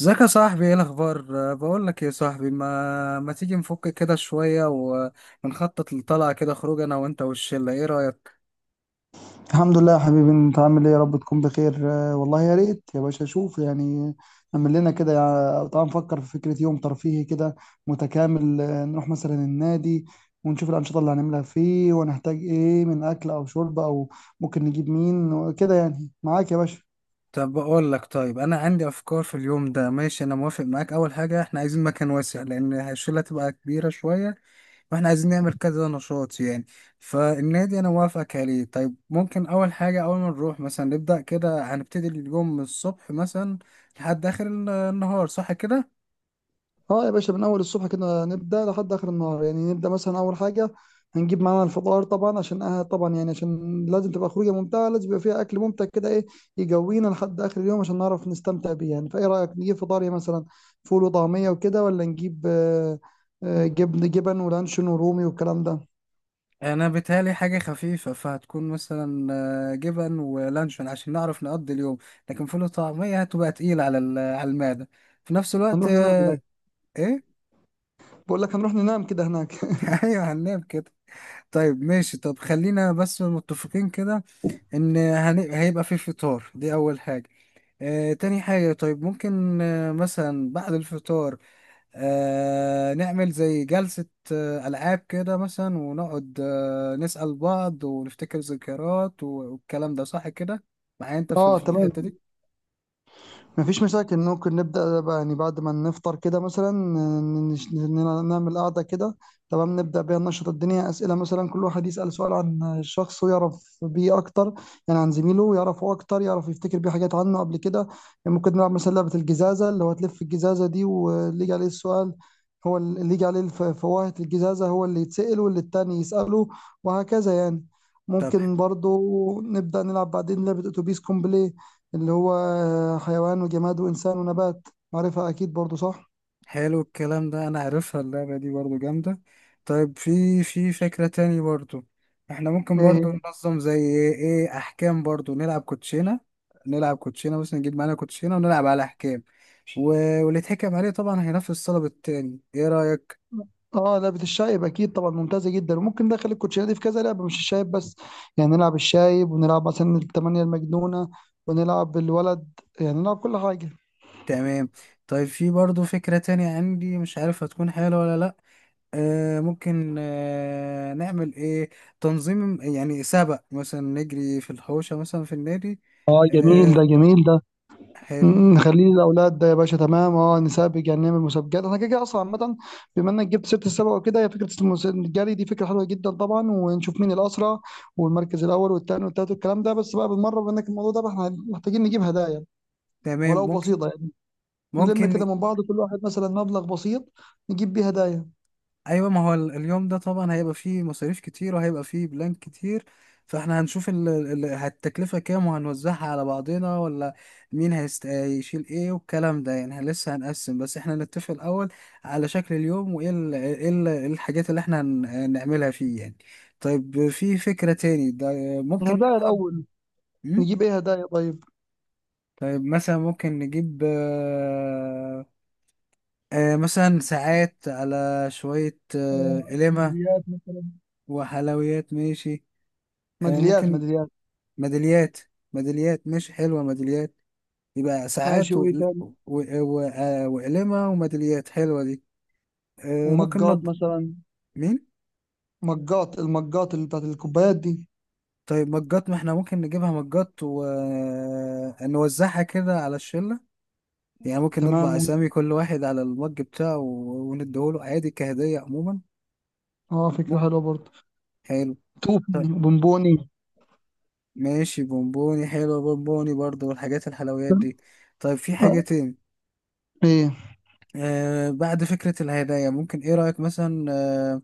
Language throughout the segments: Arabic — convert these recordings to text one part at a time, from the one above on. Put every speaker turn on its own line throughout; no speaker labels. ازيك يا صاحبي، ايه الاخبار؟ بقول لك يا صاحبي، ما تيجي نفك كده شويه ونخطط لطلعه كده خروج انا وانت والشله؟ ايه رايك؟
الحمد لله يا حبيبي، انت عامل ايه؟ يا رب تكون بخير. والله يا ريت يا باشا. شوف اعمل لنا كده، تعال نفكر في فكرة يوم ترفيهي كده متكامل. نروح مثلا النادي ونشوف الأنشطة اللي هنعملها فيه، ونحتاج ايه من أكل أو شرب، أو ممكن نجيب مين كده يعني معاك يا باشا.
طب بقول لك، طيب انا عندي افكار في اليوم ده. ماشي انا موافق معاك. اول حاجه احنا عايزين مكان واسع لان الشله تبقى كبيره شويه، واحنا عايزين نعمل كذا نشاط يعني. فالنادي انا موافقك عليه. طيب ممكن اول حاجه، اول ما نروح مثلا نبدا كده هنبتدي اليوم من الصبح مثلا لحد اخر النهار، صح كده؟
اه يا باشا، من اول الصبح كده نبدا لحد اخر النهار. يعني نبدا مثلا اول حاجه هنجيب معانا الفطار طبعا، عشان آه طبعا يعني عشان لازم تبقى خروجه ممتعه، لازم يبقى فيها اكل ممتع كده ايه يجوينا لحد اخر اليوم عشان نعرف نستمتع بيه يعني. فايه رايك نجيب فطار إيه مثلا؟ فول وطعميه وكده، ولا نجيب جبن ولانشون ورومي والكلام ده؟
انا بيتهيألي حاجه خفيفه، فهتكون مثلا جبن ولانشون عشان نعرف نقضي اليوم، لكن فول وطعميه هتبقى تقيل على على المعده في نفس الوقت.
هنروح ننام هناك.
ايه؟
بقول لك هنروح ننام كده هناك
ايوه هننام كده. طيب ماشي، طب خلينا بس متفقين كده ان هيبقى في فطار، دي اول حاجه. تاني حاجه، طيب ممكن مثلا بعد الفطار نعمل زي جلسة ألعاب كده مثلا، ونقعد نسأل بعض ونفتكر ذكريات والكلام ده، صح كده؟ معايا أنت في
اه
في
تمام،
الحتة دي؟
مفيش مشاكل. ممكن نبدأ بقى يعني بعد ما نفطر كده مثلا نعمل قعدة كده. تمام، نبدأ بيها ننشط الدنيا. أسئلة مثلا، كل واحد يسأل سؤال عن الشخص ويعرف بيه أكتر، يعني عن زميله يعرفه أكتر، يعرف يفتكر بيه حاجات عنه قبل كده. يعني ممكن نلعب مثلا لعبة الجزازة، اللي هو تلف الجزازة دي واللي يجي عليه السؤال، هو اللي يجي عليه فواهة الجزازة هو اللي يتسأل، واللي التاني يسأله، وهكذا يعني.
طب
ممكن برضو نبدأ نلعب بعدين لعبة أتوبيس كومبلي، اللي هو حيوان وجماد وإنسان ونبات. عارفها أكيد برضو صح؟
حلو الكلام ده. أنا عارفها اللعبة دي، برضو جامدة. طيب في فكرة تاني برضو، احنا ممكن
إيه
برضو
هي؟
ننظم زي ايه، أحكام. برضو نلعب كوتشينة. نلعب كوتشينة مثلا، نجيب معانا كوتشينة ونلعب على أحكام، و... واللي يتحكم عليه طبعا هينفذ طلب التاني. ايه رأيك؟
اه لعبة الشايب، أكيد طبعا، ممتازة جدا. وممكن ندخل الكوتشينة دي في كذا لعبة، مش الشايب بس. يعني نلعب الشايب، ونلعب مثلا التمانية المجنونة، ونلعب الولد، يعني نلعب كل حاجة.
تمام. طيب في برضو فكرة تانية عندي، مش عارف هتكون حلوة ولا لأ. ممكن نعمل ايه تنظيم يعني سبق، مثلا نجري في الحوشة مثلا في النادي.
اه جميل
آه
ده، جميل ده.
حلو.
نخليه للاولاد ده يا باشا. تمام، اه نسابق، يعني نعمل مسابقات. انا كده كده اصلا عامه، بما انك جبت سيره السباق وكده، هي فكره الجري دي فكره حلوه جدا طبعا. ونشوف مين الاسرع، والمركز الاول والثاني والثالث والكلام ده. بس بقى بالمره، بما انك الموضوع ده، احنا محتاجين نجيب هدايا
تمام
ولو
ممكن،
بسيطه يعني. نلم
ممكن.
كده من بعض، كل واحد مثلا مبلغ بسيط نجيب بيه هدايا.
ايوه، ما هو اليوم ده طبعا هيبقى فيه مصاريف كتير وهيبقى فيه بلان كتير، فاحنا هنشوف التكلفة كام وهنوزعها على بعضنا، ولا مين هيشيل ايه والكلام ده يعني. لسه هنقسم، بس احنا نتفق الاول على شكل اليوم، وايه إيه إيه الحاجات اللي احنا هنعملها فيه يعني. طيب في فكرة تاني ده، ممكن
الهدايا
نلعب.
الاول،
مم؟
نجيب ايه هدايا طيب؟
طيب مثلا ممكن نجيب مثلا ساعات، على شوية قلمة
ميداليات مثلا.
وحلويات. ماشي
ميداليات،
ممكن
ميداليات،
ميداليات. ميداليات ماشي، حلوة ميداليات. يبقى
ماشي.
ساعات و...
وايه تاني؟
و... و... آه، وقلمة وميداليات حلوة دي. ممكن
ومجات
نض.
مثلا.
مين؟
مجات، المجات اللي بتاعت الكوبايات دي.
طيب مجات، ما احنا ممكن نجيبها مجات ونوزعها كده على الشلة يعني. ممكن نطبع
تمام.
أسامي كل واحد على المج بتاعه ونديهوله عادي كهدية عموما.
اه فكرة
م-
حلوة برضه.
حلو.
توفي،
طيب
بونبوني.
ماشي، بونبوني حلو بونبوني برضه، والحاجات الحلويات دي. طيب في حاجة
آه،
تاني؟
ايه؟
بعد فكرة الهدايا، ممكن ايه رأيك مثلا آه،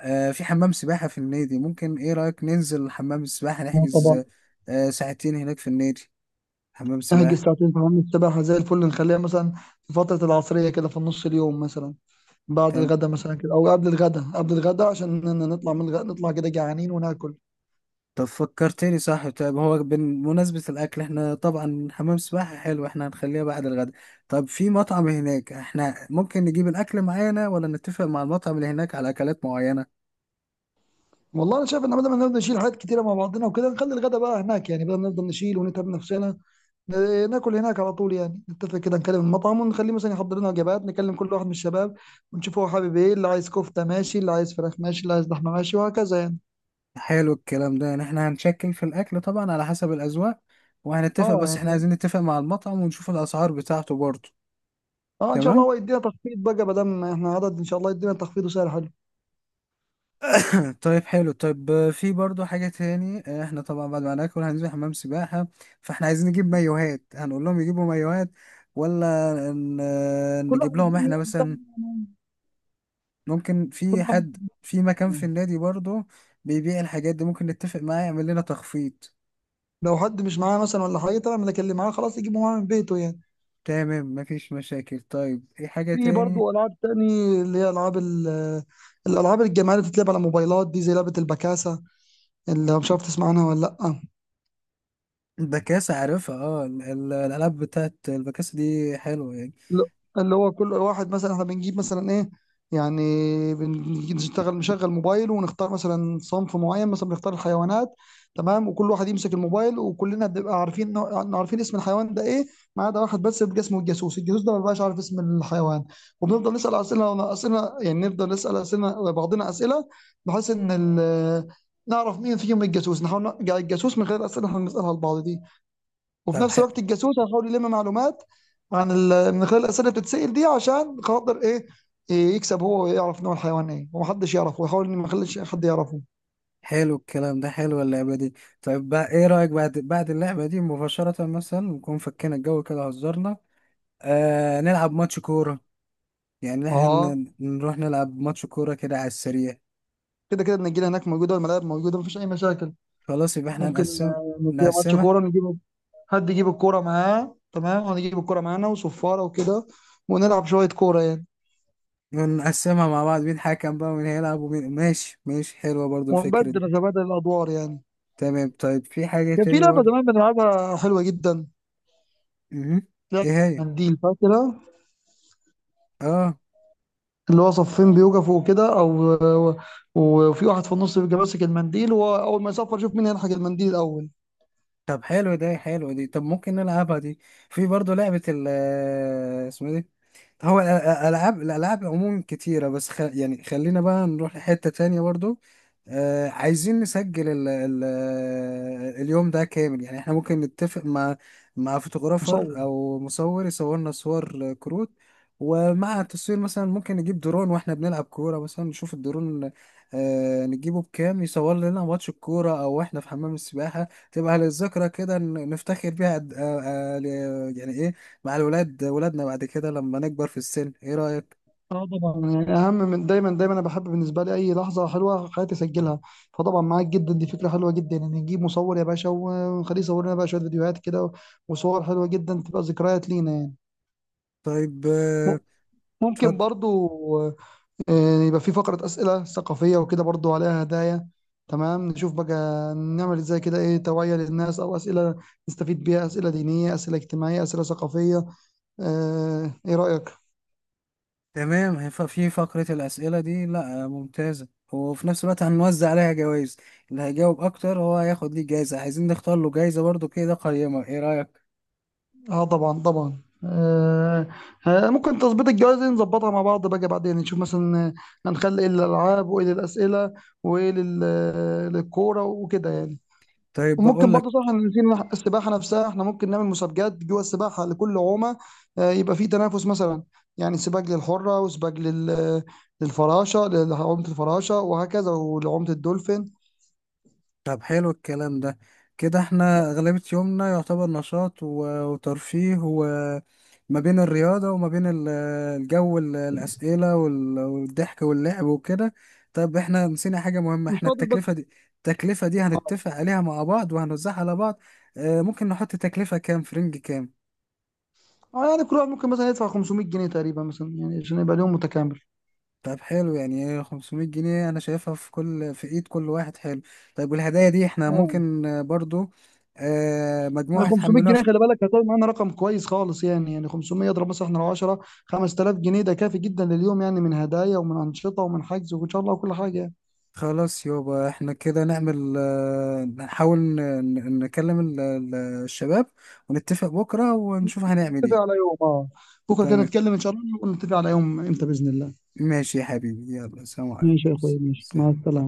آه، في حمام سباحة في النادي؟ ممكن ايه رأيك ننزل حمام السباحة،
اه طبعا.
نحجز ساعتين هناك في النادي، حمام
احجز
سباحة.
ساعتين في حمام السباحة زي الفل. نخليها مثلا في فترة العصرية كده، في نص اليوم مثلا، بعد
تمام.
الغدا مثلا كده، او قبل الغدا، قبل الغدا عشان نطلع من الغدا نطلع كده جعانين وناكل.
طب فكرتني، صح. طيب هو بمناسبة الأكل، احنا طبعا حمام سباحة حلو، احنا هنخليها بعد الغداء. طب في مطعم هناك، احنا ممكن نجيب الأكل معانا ولا نتفق مع المطعم اللي هناك على أكلات معينة؟
والله انا شايف ان بدل ما نفضل نشيل حاجات كتيره مع بعضنا وكده، نخلي الغدا بقى هناك يعني. بدل ما نفضل نشيل ونتعب نفسنا، ناكل هناك على طول يعني. نتفق كده، نكلم المطعم ونخليه مثلا يحضر لنا وجبات، نكلم كل واحد من الشباب ونشوف هو حابب ايه، اللي عايز كفته ماشي، اللي عايز فراخ ماشي، اللي عايز لحمه ماشي، وهكذا يعني.
حلو الكلام ده. يعني احنا هنشكل في الأكل طبعا على حسب الأذواق وهنتفق،
اه
بس احنا
يعني
عايزين نتفق مع المطعم ونشوف الأسعار بتاعته برضه.
اه ان شاء الله
تمام.
هو يدينا تخفيض بقى، ما دام احنا عدد ان شاء الله يدينا تخفيض وسعر حلو.
طيب حلو. طيب في برضو حاجة تاني. احنا طبعا بعد ما ناكل هننزل حمام سباحة، فاحنا عايزين نجيب مايوهات. هنقول لهم يجيبوا مايوهات ولا
كل واحد
نجيب لهم
يجيب من
احنا
يده
مثلا؟
يعني،
ممكن
كل
في
واحد.
حد في مكان
آه،
في النادي برضو بيبيع الحاجات دي، ممكن نتفق معاه يعمل لنا تخفيض.
لو حد مش معاه مثلا ولا حاجه تمام، لكن اللي كلم معاه خلاص يجيبه معاه من بيته يعني.
تمام مفيش مشاكل. طيب ايه حاجة
في
تاني؟
برضه العاب تاني، اللي هي العاب الالعاب الجماعيه اللي بتتلعب على موبايلات دي، زي لعبه البكاسه. اللي مش عارف تسمع عنها ولا لا؟
البكاسة عارفها، اه الألعاب بتاعت البكاسة دي حلوة يعني.
ل- اللي هو كل واحد مثلا احنا بنجيب مثلا ايه يعني، بنجي نشتغل نشغل موبايل ونختار مثلا صنف معين، مثلا بنختار الحيوانات. تمام، وكل واحد يمسك الموبايل وكلنا بنبقى عارفين عارفين اسم الحيوان ده ايه، ما عدا واحد بس بيبقى اسمه الجاسوس. الجاسوس ده ما بيبقاش عارف اسم الحيوان، وبنفضل نسأل أسئلة يعني، نفضل نسأل أسئلة بعضنا أسئلة، بحيث إن نعرف مين فيهم الجاسوس. نحاول نرجع الجاسوس من غير الأسئلة اللي احنا بنسألها لبعض دي. وفي
طب
نفس الوقت الجاسوس هيحاول يلم معلومات من خلال الاسئله اللي بتتسال دي، عشان خاطر ايه؟ إيه يكسب هو ويعرف نوع الحيوان ايه، ومحدش يعرفه، ويحاول ان ما يخليش حد يعرفه.
حلو الكلام ده، حلو اللعبة دي. طيب بقى ايه رأيك، بعد اللعبة دي مباشرة، مثلا نكون فكينا الجو كده هزرنا، نلعب ماتش كورة. يعني
اه
نروح نلعب ماتش كورة كده على السريع.
كده كده النجيله هناك موجوده والملاعب موجوده، مفيش اي مشاكل.
خلاص، يبقى احنا
ممكن
هنقسم،
نديها ماتش
نقسمها،
كوره. نجيب حد يجيب الكوره معاه، تمام، ونجيب الكوره معانا وصفاره وكده، ونلعب شويه كوره يعني.
ونقسمها مع بعض، مين حكم بقى ومين هيلعب ومين. ماشي ماشي، حلوة برضو الفكرة دي.
نتبادل الادوار يعني.
تمام. طيب في حاجة
كان في
تاني
لعبه
برضو
زمان بنلعبها حلوه جدا،
مهم. ايه
لعبه
هي؟
منديل، فاكرها؟
اه
اللي هو صفين بيوقفوا كده، وفي واحد في النص بيبقى ماسك المنديل، واول ما يصفر شوف مين هيلحق المنديل الاول.
طب حلو ده، حلو دي، طب ممكن نلعبها دي. في برضو لعبة ال اسمها دي. هو الألعاب، الألعاب عموما كتيرة، بس يعني خلينا بقى نروح لحتة تانية برضو. آه عايزين نسجل اليوم ده كامل يعني. احنا ممكن نتفق مع مع فوتوغرافر
مصور.
أو مصور، يصورنا صور كروت. ومع التصوير مثلا ممكن نجيب درون واحنا بنلعب كورة مثلا، نشوف الدرون، نجيبه بكام يصور لنا ماتش الكورة، أو واحنا في حمام السباحة، تبقى للذكرى كده نفتخر بيها يعني، إيه، مع الولاد ولادنا بعد كده لما نكبر في السن. ايه رأيك؟
اه طبعا. يعني اهم من دايما، دايما انا بحب بالنسبه لي اي لحظه حلوه في حياتي اسجلها. فطبعا معاك جدا، دي فكره حلوه جدا، ان يعني نجيب مصور يا باشا ونخليه يصور لنا بقى شويه فيديوهات كده وصور حلوه جدا، تبقى ذكريات لينا يعني.
طيب
م- ممكن
اتفضل.
برضو يبقى في فقرة أسئلة ثقافية وكده، برضو عليها هدايا. تمام نشوف بقى نعمل ازاي كده، ايه توعية للناس أو أسئلة نستفيد بيها، أسئلة دينية، أسئلة اجتماعية، أسئلة ثقافية. ايه رأيك؟
تمام، هيبقى في فقرة الأسئلة دي لا ممتازة، وفي نفس الوقت هنوزع عليها جوائز. اللي هيجاوب أكتر هو هياخد ليه جايزة. عايزين نختار له جايزة برضو كده قيمة، ايه رأيك؟
اه طبعا، طبعا. ممكن تظبيط الجواز دي نظبطها مع بعض بقى، بعدين نشوف مثلا هنخلي ايه للألعاب، وايه للأسئلة، وايه للكورة وكده يعني.
طيب
وممكن
بقول
برضه
لك،
صح إن في السباحه نفسها احنا ممكن نعمل مسابقات جوه السباحه لكل عومه. يبقى في تنافس مثلا، يعني سباق للحره، وسباق للفراشه، لعومه الفراشه، وهكذا، ولعومه الدولفين.
طب حلو الكلام ده. كده احنا أغلبية يومنا يعتبر نشاط وترفيه، وما بين الرياضة وما بين الجو، الأسئلة والضحك واللعب وكده. طب احنا نسينا حاجة مهمة،
مش
احنا
فاضل بس.
التكلفة دي، التكلفة دي
اه.
هنتفق عليها مع بعض وهنوزعها على بعض. اه ممكن نحط تكلفة كام، فرنج كام.
يعني كل واحد ممكن مثلا يدفع 500 جنيه تقريبا مثلا، يعني عشان يبقى اليوم متكامل.
طب حلو، يعني 500 جنيه أنا شايفها في كل، في إيد كل واحد، حلو. طيب والهدايا دي احنا
اه
ممكن برضو مجموعة
يعني 500
يحملوها.
جنيه خلي بالك هتلاقي معانا رقم كويس خالص. يعني يعني 500 اضرب مثلا احنا لو 10، 5000 جنيه ده كافي جدا لليوم يعني، من هدايا ومن انشطه ومن حجز وان شاء الله وكل حاجه يعني.
خلاص يابا، احنا كده نعمل نحاول نكلم الشباب ونتفق بكرة ونشوف هنعمل
نتفق على
ايه.
يوم. اه بكره كده
تمام.
نتكلم ان شاء الله، ونتفق على يوم امتى باذن الله.
ماشي يا حبيبي، يلا سلام عليكم،
ماشي يا اخويا، ماشي، مع
سلام.
السلامه.